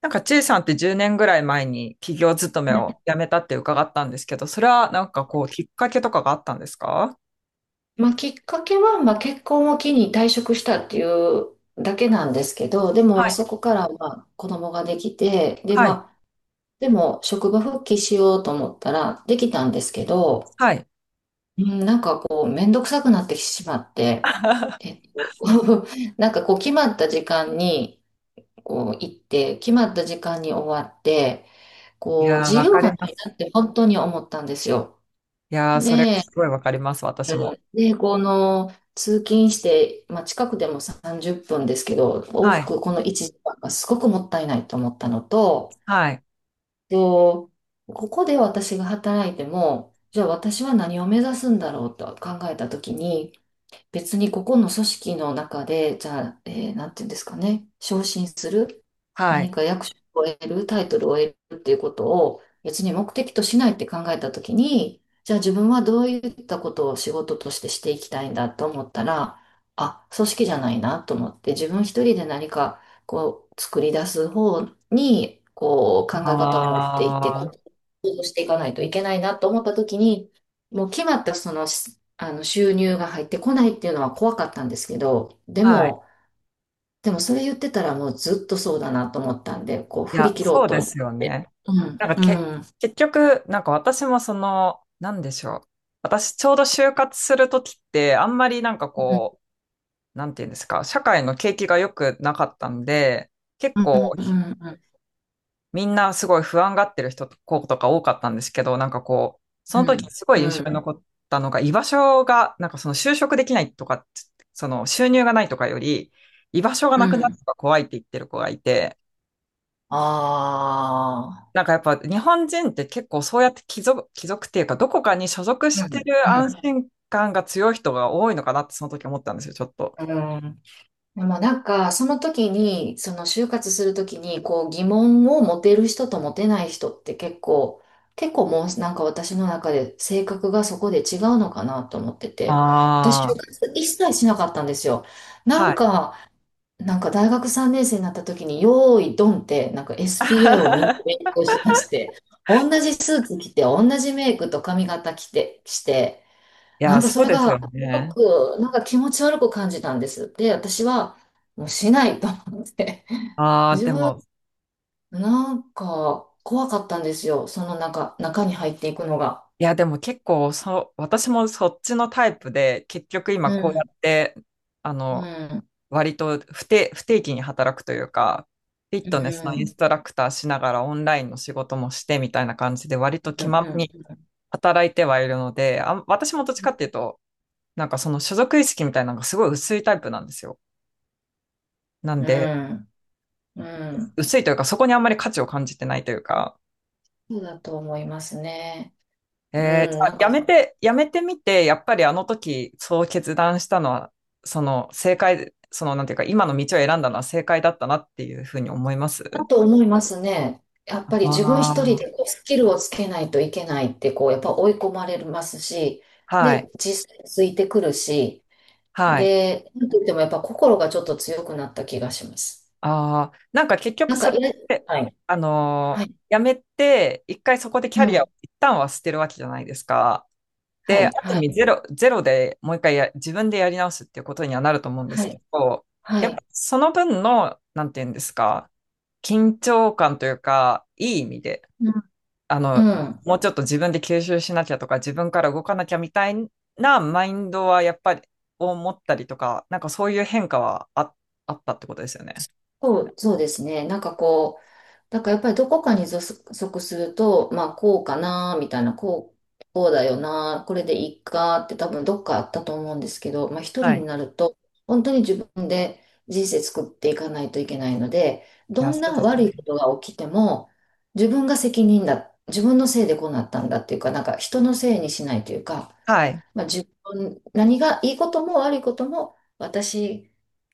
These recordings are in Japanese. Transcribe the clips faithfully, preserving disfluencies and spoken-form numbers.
なんか、ちいさんってじゅうねんぐらい前に企業勤めはい。を辞めたって伺ったんですけど、それはなんかこう、きっかけとかがあったんですか？まあ、きっかけは、まあ、結婚を機に退職したっていうだけなんですけど、ではもい、そこからまあ子供ができて、で、はい、まあ、でも職場復帰しようと思ったらできたんですけど、はい。うん、なんかこう、めんどくさくなってしまって、え っと、なんかこう、決まった時間にこう行って、決まった時間に終わって、いこう、やー、自わ由かがりなまいなす。って本当に思ったんですよ。いやー、それで、すごいわかります、私も。で、この通勤して、まあ、近くでもさんじゅっぷんですけど、往はい、復このいちじかんがすごくもったいないと思ったのと、はい、と、ここで私が働いても、じゃあ私は何を目指すんだろうと考えたときに、別にここの組織の中で、じゃあ、えーなんていうんですかね、昇進する、はい。何か役職を得る、タイトルを得るっていうことを別に目的としないって考えたときに、じゃあ自分はどういったことを仕事としてしていきたいんだと思ったら、あ、組織じゃないなと思って、自分一人で何かこう作り出す方に、こう考え方を持っていって、行あ行動していかないといけないなと思った時に、もう決まったその、しあの収入が入ってこないっていうのは怖かったんですけど、でー、はい。も、でもそれ言ってたらもうずっとそうだなと思ったんで、こうい振りや、切ろうそうとで思っすよて。ね。うん、なんかけ、うん、結局、なんか私もその、なんでしょう。私ちょうど就活するときって、あんまりなんかうん、こう、なんていうんですか、社会の景気が良くなかったんで、結う構ん、うん、みんなすごい不安がってる人と子とか多かったんですけど、なんかこう、そうの時にん、すごういん、印う象にん。残ったのが、居場所が、なんかその就職できないとか、その収入がないとかより、居場所がうなくなるん。のが怖いって言ってる子がいて、あなんかやっぱ日本人って結構そうやって帰属、帰属っていうか、どこかに所属あしー、てうん、る安心感が強い人が多いのかなってその時思ったんですよ、ちょっと。うん、うん。でもなんか、その時に、その就活する時に、こう疑問を持てる人と持てない人って結構、結構もうなんか私の中で性格がそこで違うのかなと思ってて、私就あ活一切しなかったんですよ。あ、なはんい。か、なんか大学さんねん生になった時に、よーいドンって、なんか エスピーエー をみんな 勉強しだして、同じスーツ着て、同じメイクと髪型着て、して、いなや、んかそそうれですが、すよごね。く、なんか気持ち悪く感じたんです。で、私は、もうしないと思って。ああ、自で分、も、なんか、怖かったんですよ。その中、中に入っていくのが。いや、でも結構、そう、私もそっちのタイプで、結局う今こうやん、って、あうの、ん、割と不定、不定期に働くというか、フィッうトネスのインスん、トラクターしながらオンラインの仕事もしてみたいな感じで、割とう気ままん、に働いてはいるので、あん、私もどっちかっていうと、なんかその所属意識みたいなのがすごい薄いタイプなんですよ。なんうで、ん、うん。薄いというか、そこにあんまり価値を感じてないというか、そうだと思いますね。えー、じうん、ゃあなんか、やめて、やめてみて、やっぱりあの時、そう決断したのは、その正解、そのなんていうか、今の道を選んだのは正解だったなっていうふうに思います？だと思いますね。やっぱり自分一人ああ、でこうスキルをつけないといけないって、こう、やっぱ追い込まれますし、はで、い、実際ついてくるし、はい。で、なんといってもやっぱ心がちょっと強くなった気がします。ああ、なんか結局なんそか、れいや、って、はい、あのはーい、やめて、一回そこでキうャリアをん、一旦は捨てるわけじゃないですか。はで、あい、る意は味い、ゼロ、ゼロでもう一回や自分でやり直すっていうことにはなると思うんではすけい、ど、はやっぱい、その分の、なんていうんですか、緊張感というか、いい意味で、うん、あうの、ん。もうちょっと自分で吸収しなきゃとか、自分から動かなきゃみたいなマインドはやっぱり、を持ったりとか、なんかそういう変化はあ、あったってことですよね。そう、そうですね。なんかこう、だからやっぱりどこかに属属すると、まあこうかな、みたいな、こう、こうだよな、これでいいかって多分どっかあったと思うんですけど、まあ一は人い。にいなると、本当に自分で人生作っていかないといけないので、どや、んそうなです悪いこね。とが起きても、自分が責任だ、自分のせいでこうなったんだっていうか、なんか人のせいにしないというか、はい。まあ自分、何がいいことも悪いことも、私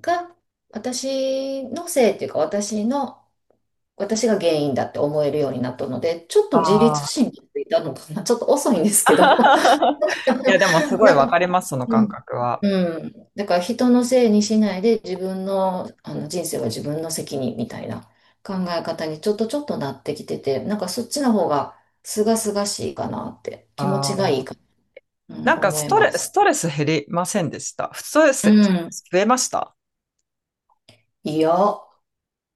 が、私のせいっていうか、私の私が原因だって思えるようになったので、ちょっあと自律あ。神経ついたのかな。ちょっと遅いんですけど。いや、でもす ごいなわんか、かります、そのう感ん。覚は。うん。だから人のせいにしないで自分の、あの人生は自分の責任みたいな考え方にちょっとちょっとなってきてて、なんかそっちの方が清々しいかなって気持ちがあいいあ。かな、うなん、んか思スいトまレ、す。ストレス減りませんでした？ストレうスん。増えました？いや、も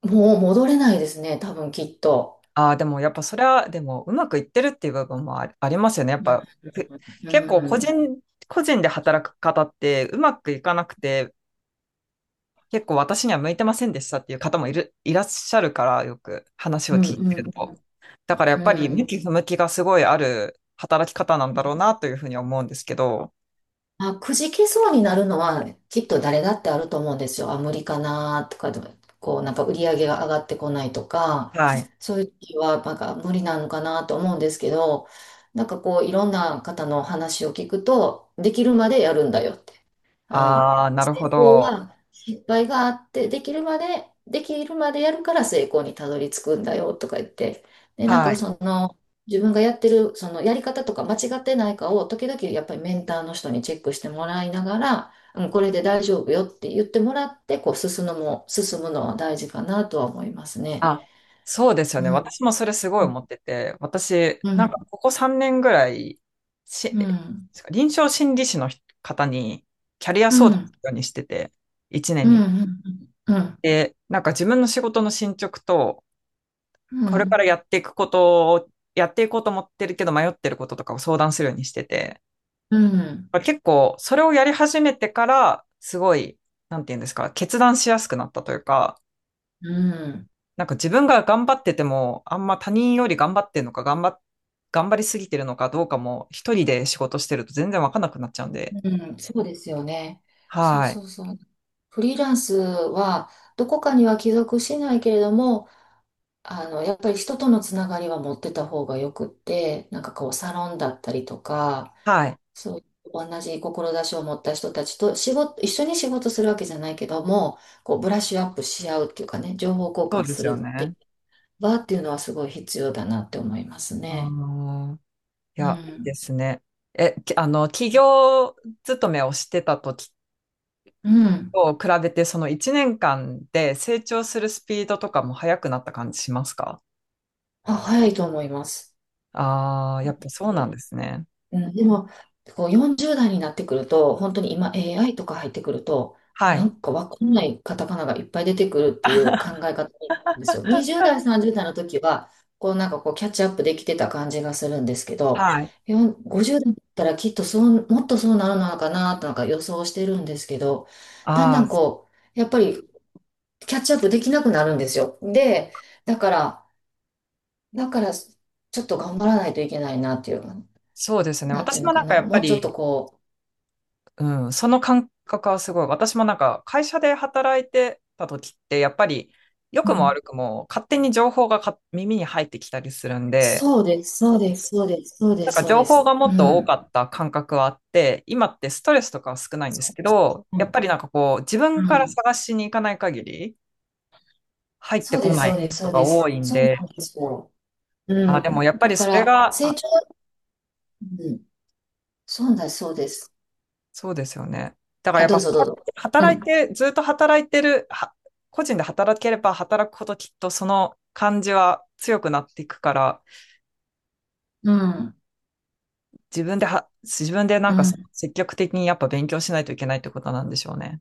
う戻れないですね。多分きっと。ああー、でもやっぱそれは、でもうまくいってるっていう部分もあり、ありますよね。やっうん。ぱ、ふ結構個うん。人、個人で働く方ってうまくいかなくて、結構私には向いてませんでしたっていう方もいる、いらっしゃるから、よく話をうん。聞いてうるん。と。だからやうっん。うぱり向ん。き不向きがすごいある働き方なんだろうなというふうに思うんですけど。あ、くじけそうになるのはきっと誰だってあると思うんですよ。あ、無理かなとかでも、こうなんか売り上げが上がってこないとか、はい。そういう時はなんか無理なのかなと思うんですけど、なんかこういろんな方の話を聞くと、できるまでやるんだよって。あ、ああ、なるほ成功ど。は失敗があって、できるまで、できるまでやるから成功にたどり着くんだよとか言って、で、なんはかい。その、自分がやってる、そのやり方とか間違ってないかを、時々やっぱりメンターの人にチェックしてもらいながら、うん、これで大丈夫よって言ってもらって、こう進むのも、進むのは大事かなとは思いますね。あ、そうですようね。ん、私もそれすごいうん、思ってて、私、うなんかん、ここさんねんぐらい、し、うん、臨床心理士の方にキャリアう相談すん、るようにしてて、1う年ん、に。うん、うん、で、なんか自分の仕事の進捗と、うこれからん、やっていくことを、やっていこうと思ってるけど迷ってることとかを相談するようにしてて、うん。結構それをやり始めてから、すごい、なんていうんですか、決断しやすくなったというか、うん。なんか自分が頑張ってても、あんま他人より頑張ってるのか、頑張っ、頑張りすぎてるのかどうかも、一人で仕事してると全然わかんなくなっちゃうんで。うん、そうですよね。そうはい。そうそう。フリーランスはどこかには帰属しないけれども、あの、やっぱり人とのつながりは持ってた方がよくって、なんかこうサロンだったりとか、はい。そういう同じ志を持った人たちと仕事、一緒に仕事するわけじゃないけども、こうブラッシュアップし合うっていうかね、情報交そ換うですするよってね。場っていうのはすごい必要だなって思いますあね。のいうや、いいでん。すね。え、きあの、企業勤めをしてた時うん。と比べて、そのいちねんかんで成長するスピードとかも速くなった感じしますか？あ、早いと思います。ああー、やっぱそうなんですね。うん、でも、こうよんじゅう代になってくると、本当に今 エーアイ とか入ってくると、はない。んかわかんないカタカナがいっぱい出てくるっていう考え方なんですよ。にじゅう代、さんじゅう代の時は、こうなんかこうキャッチアップできてた感じがするんですけど、はい。よんごじゅう代だったらきっとそう、もっとそうなるのかなとなんか予想してるんですけど、だんだああ、んこう、やっぱりキャッチアップできなくなるんですよ。で、だから、だからちょっと頑張らないといけないなっていう、そうですね。なんていう私のもなかんかやな、っぱもうちょっとり、こう、うん、その感覚はすごい。私もなんか会社で働いてた時って、やっぱり良うくもん。悪くも勝手に情報がか耳に入ってきたりするんで、そうです、そうです、そうです、そうなでんす、かそう情で報がす。うもっと多かん。った感覚はあって、今ってストレスとかは少ないんでそすうけです。ど、うやっん。ぱりなんかこう自分うからん。探しに行かない限り入ってそうこです、なそいうこです、とそうがで多す。いんそうで、なんですよ。うあ、でもん。やっぱだりかそれら、が成長、うん。そうだ、そうです。そうですよね。だからあ、やっどぱ、うはぞ、どうぞ。う働いん。て、ずっと働いてる、は個人で働ければ働くほどきっとその感じは強くなっていくから、うん。自分では、自分でなうんかそのん。積極的にやっぱ勉強しないといけないってことなんでしょうね。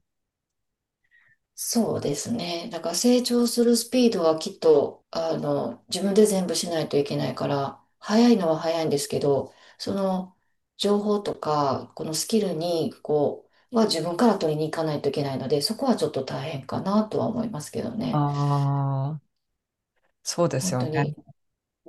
そうですね。だから成長するスピードはきっと、あの、自分で全部しないといけないから、早いのは早いんですけど、その情報とか、このスキルに、こう、は自分から取りに行かないといけないので、そこはちょっと大変かなとは思いますけどあね。あ、そうです本よ当ね。に。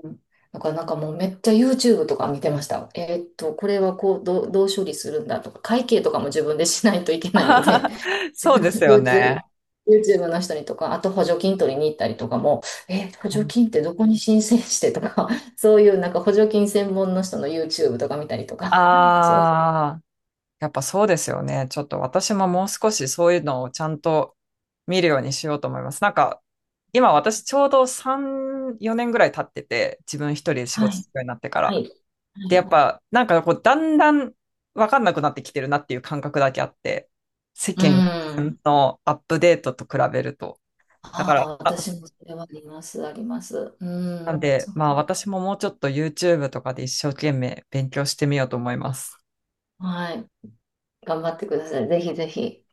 うん。だからなんかもうめっちゃ YouTube とか見てました。えーっと、これはこう、どう、どう処理するんだとか、会計とかも自分でしないといけないので、そうですよ YouTube、ね。YouTube の人にとか、あと補助金取りに行ったりとかも、え、補助金ってどこに申請してとか、そういうなんか補助金専門の人の YouTube とか見たりとか、そう。ああ、やっぱそうですよね。ちょっと私ももう少しそういうのをちゃんと見るようにしようと思います。なんか、今私ちょうどさん、よねんぐらい経ってて、自分一人で仕は事い。するようになってかはら。い。はで、やい。っぱ、なんかこう、だんだんわかんなくなってきてるなっていう感覚だけあって、世う間ん。のアップデートと比べると。だかあら、あ、あ、私もそれはあります、あります。うなんん。で、そっまあか。私ももうちょっと YouTube とかで一生懸命勉強してみようと思います。はい。頑張ってください。ぜひぜひ。